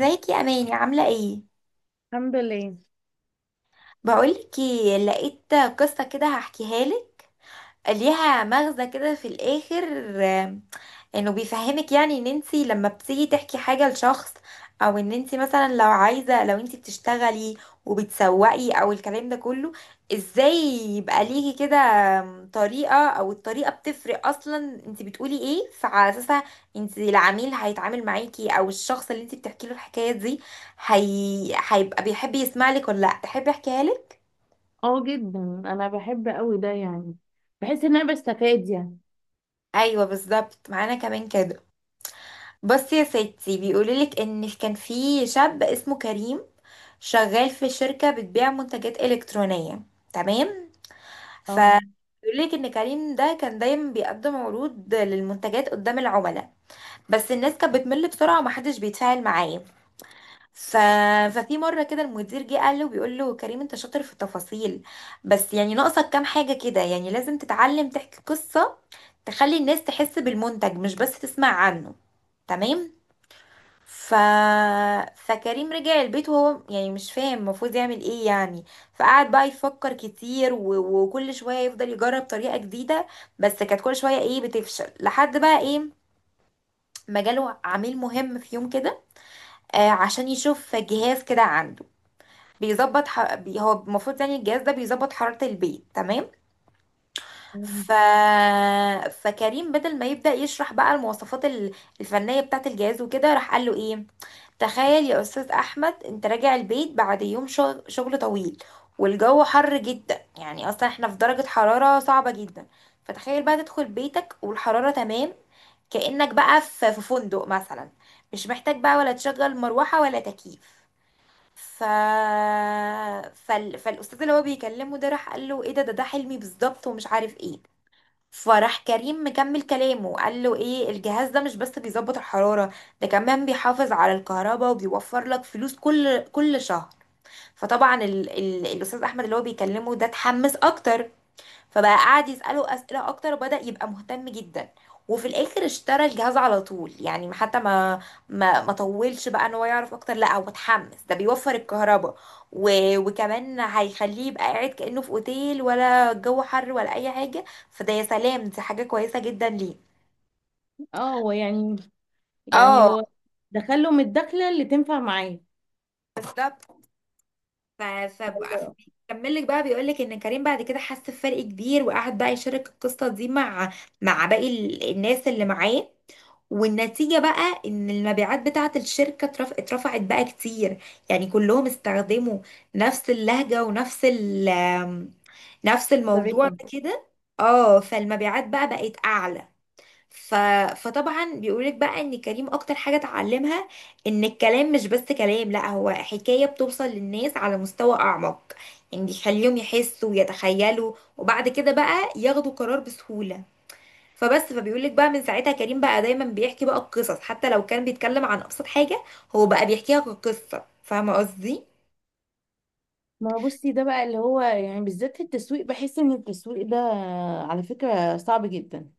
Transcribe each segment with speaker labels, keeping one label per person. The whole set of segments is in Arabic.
Speaker 1: ازيك يا اماني، عامله ايه؟
Speaker 2: الحمد لله.
Speaker 1: بقولك ايه، لقيت قصه كده هحكيها لك، ليها مغزى كده في الاخر. آم، انه بيفهمك، يعني ان انتي لما بتيجي تحكي حاجة لشخص، او ان انتي مثلا لو انتي بتشتغلي وبتسوقي او الكلام ده كله، ازاي يبقى ليكي كده طريقة او الطريقة بتفرق اصلا. انتي بتقولي ايه فعلى اساسها العميل هيتعامل معاكي، او الشخص اللي انتي بتحكي له الحكاية دي هيبقى بيحب يسمع لك ولا لا؟ تحبي احكيها لك؟
Speaker 2: اه جدا، انا بحب قوي ده يعني. بحس ان انا بستفاد يعني.
Speaker 1: ايوه بالظبط، معانا كمان كده. بصي يا ستي، بيقولولك ان كان في شاب اسمه كريم، شغال في شركة بتبيع منتجات إلكترونية. تمام. ف
Speaker 2: اه،
Speaker 1: بيقولك ان كريم ده كان دايما بيقدم عروض للمنتجات قدام العملاء، بس الناس كانت بتمل بسرعة ومحدش بيتفاعل معاه. ف... ففي مرة كده المدير جه قال له بيقول له كريم انت شاطر في التفاصيل، بس يعني ناقصك كام حاجة كده. يعني لازم تتعلم تحكي قصة، تخلي الناس تحس بالمنتج مش بس تسمع عنه. تمام. ف... فكريم رجع البيت وهو يعني مش فاهم المفروض يعمل ايه يعني، فقعد بقى يفكر كتير وكل شوية يفضل يجرب طريقة جديدة، بس كانت كل شوية ايه؟ بتفشل، لحد بقى ايه؟ ما جاله عميل مهم في يوم كده، آه، عشان يشوف جهاز كده عنده. هو المفروض، يعني الجهاز ده بيظبط حرارة البيت. تمام. ف... فكريم بدل ما يبدأ يشرح بقى المواصفات الفنية بتاعة الجهاز وكده، راح قال له ايه؟ تخيل يا أستاذ أحمد أنت راجع البيت بعد يوم شغل طويل، والجو حر جدا، يعني أصلا احنا في درجة حرارة صعبة جدا. فتخيل بقى تدخل بيتك والحرارة تمام، كأنك بقى في فندق مثلا، مش محتاج بقى ولا تشغل مروحة ولا تكييف. ف... فالأستاذ اللي هو بيكلمه ده راح قال له ايه؟ ده حلمي بالظبط ومش عارف ايه. فراح كريم مكمل كلامه قال له ايه؟ الجهاز ده مش بس بيظبط الحرارة، ده كمان بيحافظ على الكهرباء وبيوفر لك فلوس كل شهر. فطبعا ال ال الأستاذ أحمد اللي هو بيكلمه ده اتحمس أكتر، فبقى قعد يسأله أسئلة أكتر وبدأ يبقى مهتم جدا، وفي الآخر اشترى الجهاز على طول. يعني حتى ما طولش بقى ان هو يعرف اكتر، لا هو اتحمس، ده بيوفر الكهرباء و... وكمان هيخليه يبقى قاعد كأنه في اوتيل، ولا الجو حر ولا اي حاجة. فده يا سلام، دي حاجة كويسة جدا، ليه؟
Speaker 2: اه، هو يعني، يعني
Speaker 1: اه
Speaker 2: هو دخلهم الدخله اللي تنفع معاه.
Speaker 1: بالظبط. ف ف كمل لك بقى، بيقول لك ان كريم بعد كده حس بفرق كبير، وقعد بقى يشارك القصه دي مع باقي الناس اللي معاه، والنتيجه بقى ان المبيعات بتاعه الشركه اترفعت بقى كتير. يعني كلهم استخدموا نفس اللهجه ونفس الموضوع
Speaker 2: طريقه.
Speaker 1: ده كده. اه، فالمبيعات بقى بقت اعلى. ف... فطبعا بيقولك بقى ان كريم اكتر حاجة اتعلمها، ان الكلام مش بس كلام، لا هو حكاية بتوصل للناس على مستوى اعمق. يعني بيخليهم يحسوا ويتخيلوا، وبعد كده بقى ياخدوا قرار بسهولة. فبيقولك بقى من ساعتها كريم بقى دايما بيحكي بقى القصص، حتى لو كان بيتكلم عن ابسط حاجة، هو بقى بيحكيها كقصة. فاهمة قصدي؟
Speaker 2: ما هو بصي، ده بقى اللي هو يعني بالذات في التسويق. بحس ان التسويق ده على فكره صعب جدا،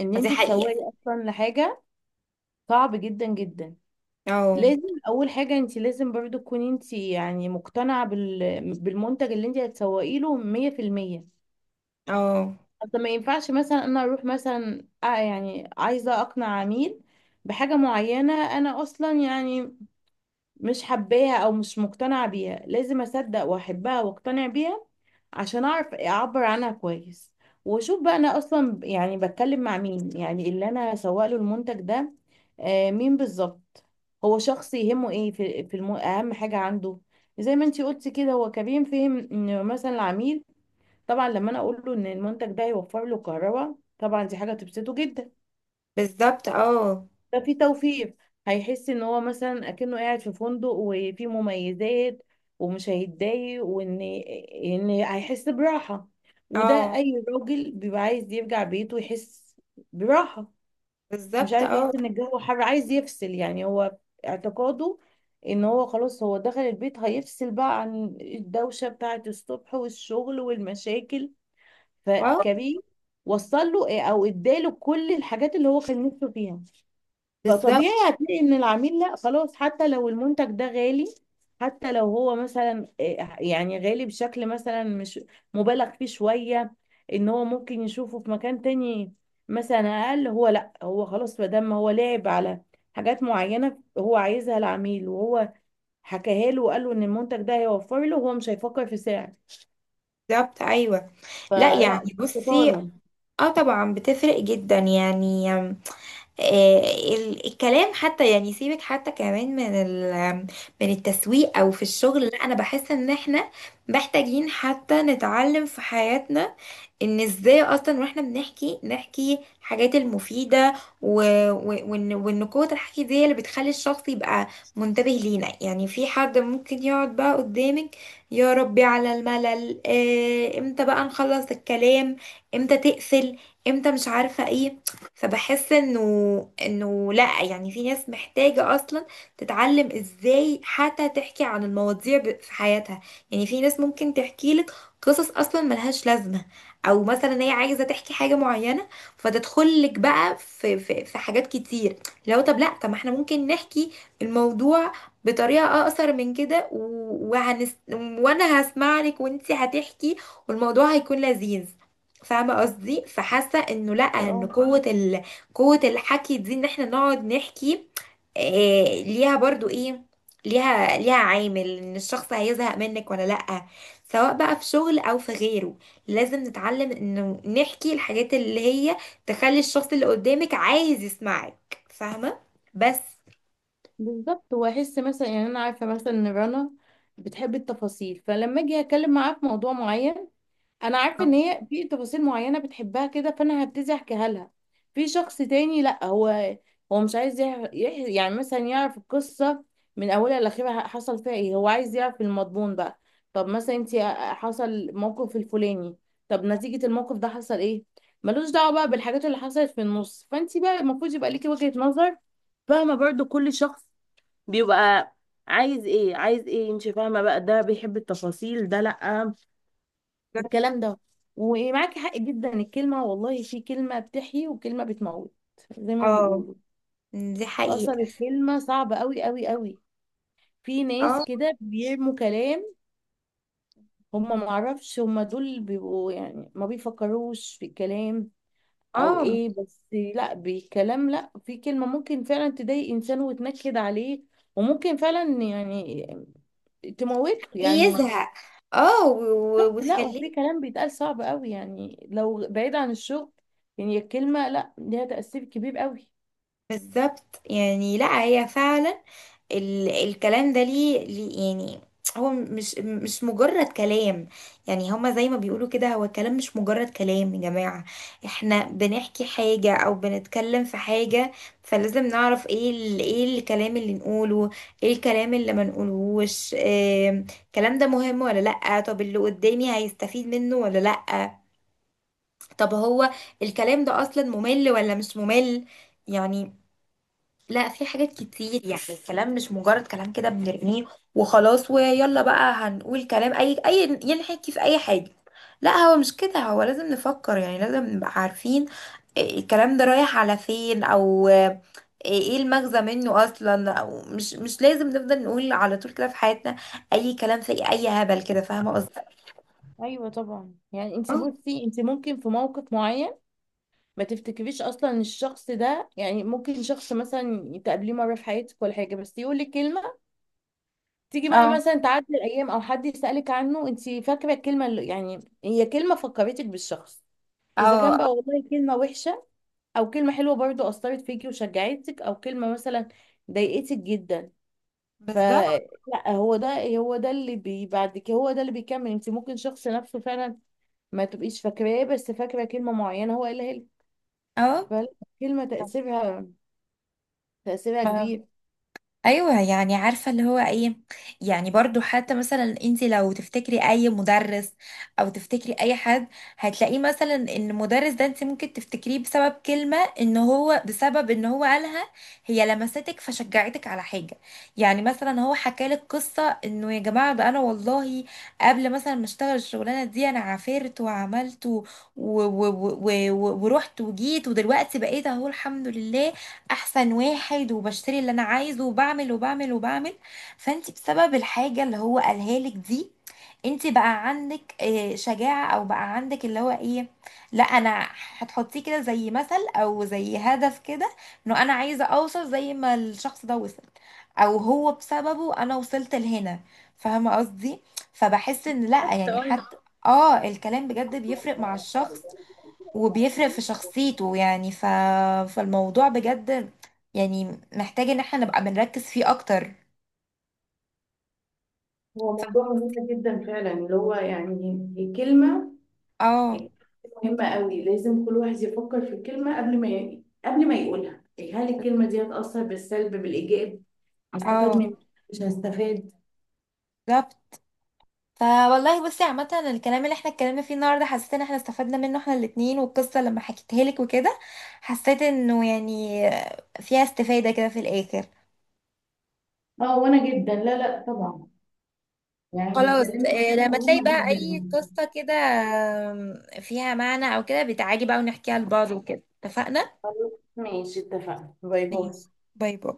Speaker 2: ان
Speaker 1: دي
Speaker 2: انت تسوقي
Speaker 1: حقيقة.
Speaker 2: اصلا لحاجه. صعب جدا جدا.
Speaker 1: اه
Speaker 2: لازم اول حاجه، انت لازم برضو تكوني انت يعني مقتنعه بالمنتج اللي انت هتسوقي له 100%.
Speaker 1: اه،
Speaker 2: طب ما ينفعش مثلا انا اروح مثلا آه، يعني عايزه اقنع عميل بحاجه معينه، انا اصلا يعني مش حباها او مش مقتنعه بيها. لازم اصدق واحبها واقتنع بيها عشان اعرف اعبر عنها كويس. واشوف بقى انا اصلا يعني بتكلم مع مين، يعني اللي انا هسوق له المنتج ده آه، مين بالظبط. هو شخص يهمه ايه في اهم حاجه عنده. زي ما انتي قلتي كده، هو كريم فهم ان مثلا العميل طبعا لما انا اقول له ان المنتج ده هيوفر له كهرباء، طبعا دي حاجه تبسطه جدا.
Speaker 1: بالظبط. اه
Speaker 2: ده في توفير. هيحس ان هو مثلا اكنه قاعد في فندق وفي مميزات، ومش هيتضايق، وان هيحس براحه. وده
Speaker 1: اه،
Speaker 2: اي راجل بيبقى عايز يرجع بيته يحس براحه. مش
Speaker 1: بالظبط.
Speaker 2: عايز يحس
Speaker 1: اه
Speaker 2: ان الجو حر، عايز يفصل يعني. هو اعتقاده ان هو خلاص، هو دخل البيت هيفصل بقى عن الدوشه بتاعه الصبح والشغل والمشاكل.
Speaker 1: اه،
Speaker 2: فكريم وصل له إيه، او اداله كل الحاجات اللي هو كان نفسه فيها.
Speaker 1: بالظبط.
Speaker 2: فطبيعي هتلاقي ان العميل لا خلاص، حتى لو المنتج ده غالي، حتى لو هو مثلا إيه يعني غالي بشكل مثلا مش مبالغ فيه شوية، ان هو ممكن يشوفه في مكان تاني مثلا اقل، هو لا، هو خلاص ما دام هو لعب على حاجات معينة هو عايزها العميل، وهو حكاها له وقال له ان المنتج ده هيوفر له، هو مش هيفكر في سعر.
Speaker 1: بالظبط ايوه. لا يعني
Speaker 2: فلا، دي
Speaker 1: بصي،
Speaker 2: شطارة.
Speaker 1: اه طبعا بتفرق جدا يعني. آم، آه الكلام حتى، يعني سيبك حتى كمان من ال آم، من التسويق او في الشغل، لا انا بحس ان احنا محتاجين حتى نتعلم في حياتنا ان ازاي اصلا واحنا نحكي الحاجات المفيدة و... و... وان قوة الحكي دي هي اللي بتخلي الشخص يبقى منتبه لينا. يعني في حد ممكن يقعد بقى قدامك، يا ربي على الملل، امتى بقى نخلص الكلام، امتى تقفل، امتى مش عارفة ايه. فبحس انه لا، يعني في ناس محتاجة اصلا تتعلم ازاي حتى تحكي عن المواضيع في حياتها. يعني في ناس ممكن تحكي لك قصص اصلا ملهاش لازمة، او مثلا هي عايزه تحكي حاجه معينه، فتدخل لك بقى في حاجات كتير. لو طب لا طب ما احنا ممكن نحكي الموضوع بطريقه اقصر من كده، وانا هسمع لك وانتي هتحكي، والموضوع هيكون لذيذ. فاهمه قصدي؟ فحاسه انه لا، ان قوه الحكي دي، ان احنا نقعد نحكي، ليها برضو ايه؟ ليها عامل ان الشخص هيزهق منك ولا لا، سواء بقى في شغل او في غيره. لازم نتعلم انه نحكي الحاجات اللي هي تخلي الشخص اللي قدامك عايز يسمعك، فاهمة؟ بس.
Speaker 2: بالظبط، واحس مثلا يعني انا عارفه مثلا ان رنا بتحب التفاصيل، فلما اجي اتكلم معاها في موضوع معين انا عارفه ان
Speaker 1: اه
Speaker 2: هي في تفاصيل معينه بتحبها كده، فانا هبتدي احكيها لها. في شخص تاني لا، هو هو مش عايز يعني مثلا يعرف القصه من اولها لاخرها حصل فيها ايه، هو عايز يعرف المضمون بقى. طب مثلا انت حصل موقف الفلاني، طب نتيجه الموقف ده حصل ايه؟ ملوش دعوه بقى بالحاجات اللي حصلت في النص. فانت بقى المفروض يبقى ليكي وجهه نظر. فاهمة؟ برضو كل شخص بيبقى عايز ايه، عايز ايه. انت فاهمه بقى، ده بيحب التفاصيل، ده لا.
Speaker 1: بجد.
Speaker 2: الكلام ده. ومعاكي حق جدا، الكلمة والله. في كلمة بتحيي وكلمة بتموت زي ما
Speaker 1: اه
Speaker 2: بيقولوا.
Speaker 1: دي
Speaker 2: أصل
Speaker 1: حقيقة.
Speaker 2: الكلمة صعبة قوي قوي قوي. في ناس
Speaker 1: اه
Speaker 2: كده بيرموا كلام، هم معرفش، هم دول بيبقوا يعني ما بيفكروش في الكلام أو
Speaker 1: اه،
Speaker 2: إيه بس. لا بالكلام، لا، في كلمة ممكن فعلا تضايق إنسان وتنكد عليه، وممكن فعلا يعني تموته يعني.
Speaker 1: يزهق، اه،
Speaker 2: لا، وفي
Speaker 1: وتخليه.
Speaker 2: كلام بيتقال صعب قوي يعني، لو بعيد عن الشغل، يعني الكلمة لا، ليها تأثير كبير قوي.
Speaker 1: بالظبط، يعني لا هي فعلا، الكلام ده ليه يعني، هو مش مجرد كلام. يعني هما زي ما بيقولوا كده، هو الكلام مش مجرد كلام يا جماعة، احنا بنحكي حاجة او بنتكلم في حاجة، فلازم نعرف ايه ال ايه الكلام اللي نقوله، ايه الكلام اللي ما نقولهوش، إيه الكلام ده؟ مهم ولا لأ؟ طب اللي قدامي هيستفيد منه ولا لأ؟ طب هو الكلام ده اصلا ممل ولا مش ممل؟ يعني لا، في حاجات كتير. يعني الكلام مش مجرد كلام كده بنرميه وخلاص، ويلا بقى هنقول كلام اي ينحكي في اي حاجة. لا هو مش كده، هو لازم نفكر. يعني لازم نبقى عارفين إيه الكلام ده، رايح على فين او ايه، إيه المغزى منه اصلا؟ او مش لازم نفضل نقول على طول كده في حياتنا اي كلام في اي هبل كده. فاهمة قصدي؟
Speaker 2: ايوه طبعا يعني. انت
Speaker 1: اه
Speaker 2: بصي، انت ممكن في موقف معين ما تفتكريش اصلا إن الشخص ده، يعني ممكن شخص مثلا تقابليه مره في حياتك ولا حاجه بس يقول لك كلمه، تيجي بقى
Speaker 1: اه
Speaker 2: مثلا تعدي الايام او حد يسالك عنه، انت فاكره الكلمه اللي يعني هي كلمه فكرتك بالشخص. اذا كان
Speaker 1: اه،
Speaker 2: بقى والله كلمه وحشه، او كلمه حلوه برضو اثرت فيكي وشجعتك، او كلمه مثلا ضايقتك جدا.
Speaker 1: بالظبط،
Speaker 2: فلا، هو ده، هو ده اللي بعد كده، هو ده اللي بيكمل. انت ممكن شخص نفسه فعلا ما تبقيش فاكراه، بس فاكره كلمه معينه هو قالها لك. فالكلمه تاثيرها
Speaker 1: اه.
Speaker 2: كبير.
Speaker 1: ايوه يعني، عارفه اللي هو ايه، يعني برضو حتى مثلا انت لو تفتكري اي مدرس او تفتكري اي حد، هتلاقيه مثلا ان المدرس ده انت ممكن تفتكريه بسبب كلمه ان هو قالها، هي لمستك فشجعتك على حاجه. يعني مثلا هو حكالك قصه انه، يا جماعه ده انا والله قبل مثلا ما اشتغل الشغلانه دي انا عافرت وعملت و... و... ورحت وجيت ودلوقتي بقيت اهو الحمد لله احسن واحد، وبشتري اللي انا عايزه وبعمل وبعمل وبعمل. فانت بسبب الحاجة اللي هو قالها لك دي، انت بقى عندك شجاعة، او بقى عندك اللي هو ايه، لا انا هتحطيه كده زي مثل او زي هدف كده، انه انا عايزة اوصل زي ما الشخص ده وصل، او هو بسببه انا وصلت لهنا. فاهمة قصدي؟ فبحس ان لا، يعني
Speaker 2: تقول.
Speaker 1: حتى اه الكلام بجد بيفرق مع الشخص وبيفرق في شخصيته يعني، فالموضوع بجد يعني محتاج ان احنا نبقى بنركز فيه اكتر.
Speaker 2: هو موضوع مهم جدا فعلا، اللي هو يعني الكلمة
Speaker 1: اه
Speaker 2: مهمة قوي. لازم كل واحد يفكر في الكلمة قبل ما يقولها. هل الكلمة دي هتأثر بالسلب بالإيجاب؟ هستفاد
Speaker 1: اه،
Speaker 2: منها مش هستفاد.
Speaker 1: بالظبط. فوالله بصي، عامة الكلام اللي احنا اتكلمنا فيه النهارده حسيت ان احنا استفدنا منه احنا الاتنين، والقصة لما حكيتها لك وكده حسيت انه يعني فيها استفادة كده في الاخر.
Speaker 2: اه وانا جدا، لا لا طبعا، يعني
Speaker 1: خلاص،
Speaker 2: اتكلمنا في حاجه
Speaker 1: لما تلاقي
Speaker 2: مهمه
Speaker 1: بقى
Speaker 2: جدا.
Speaker 1: اي قصة كده فيها معنى او كده، بتعالي بقى ونحكيها لبعض وكده، اتفقنا؟
Speaker 2: خلاص ماشي، اتفقنا. باي باي.
Speaker 1: ماشي، باي باي.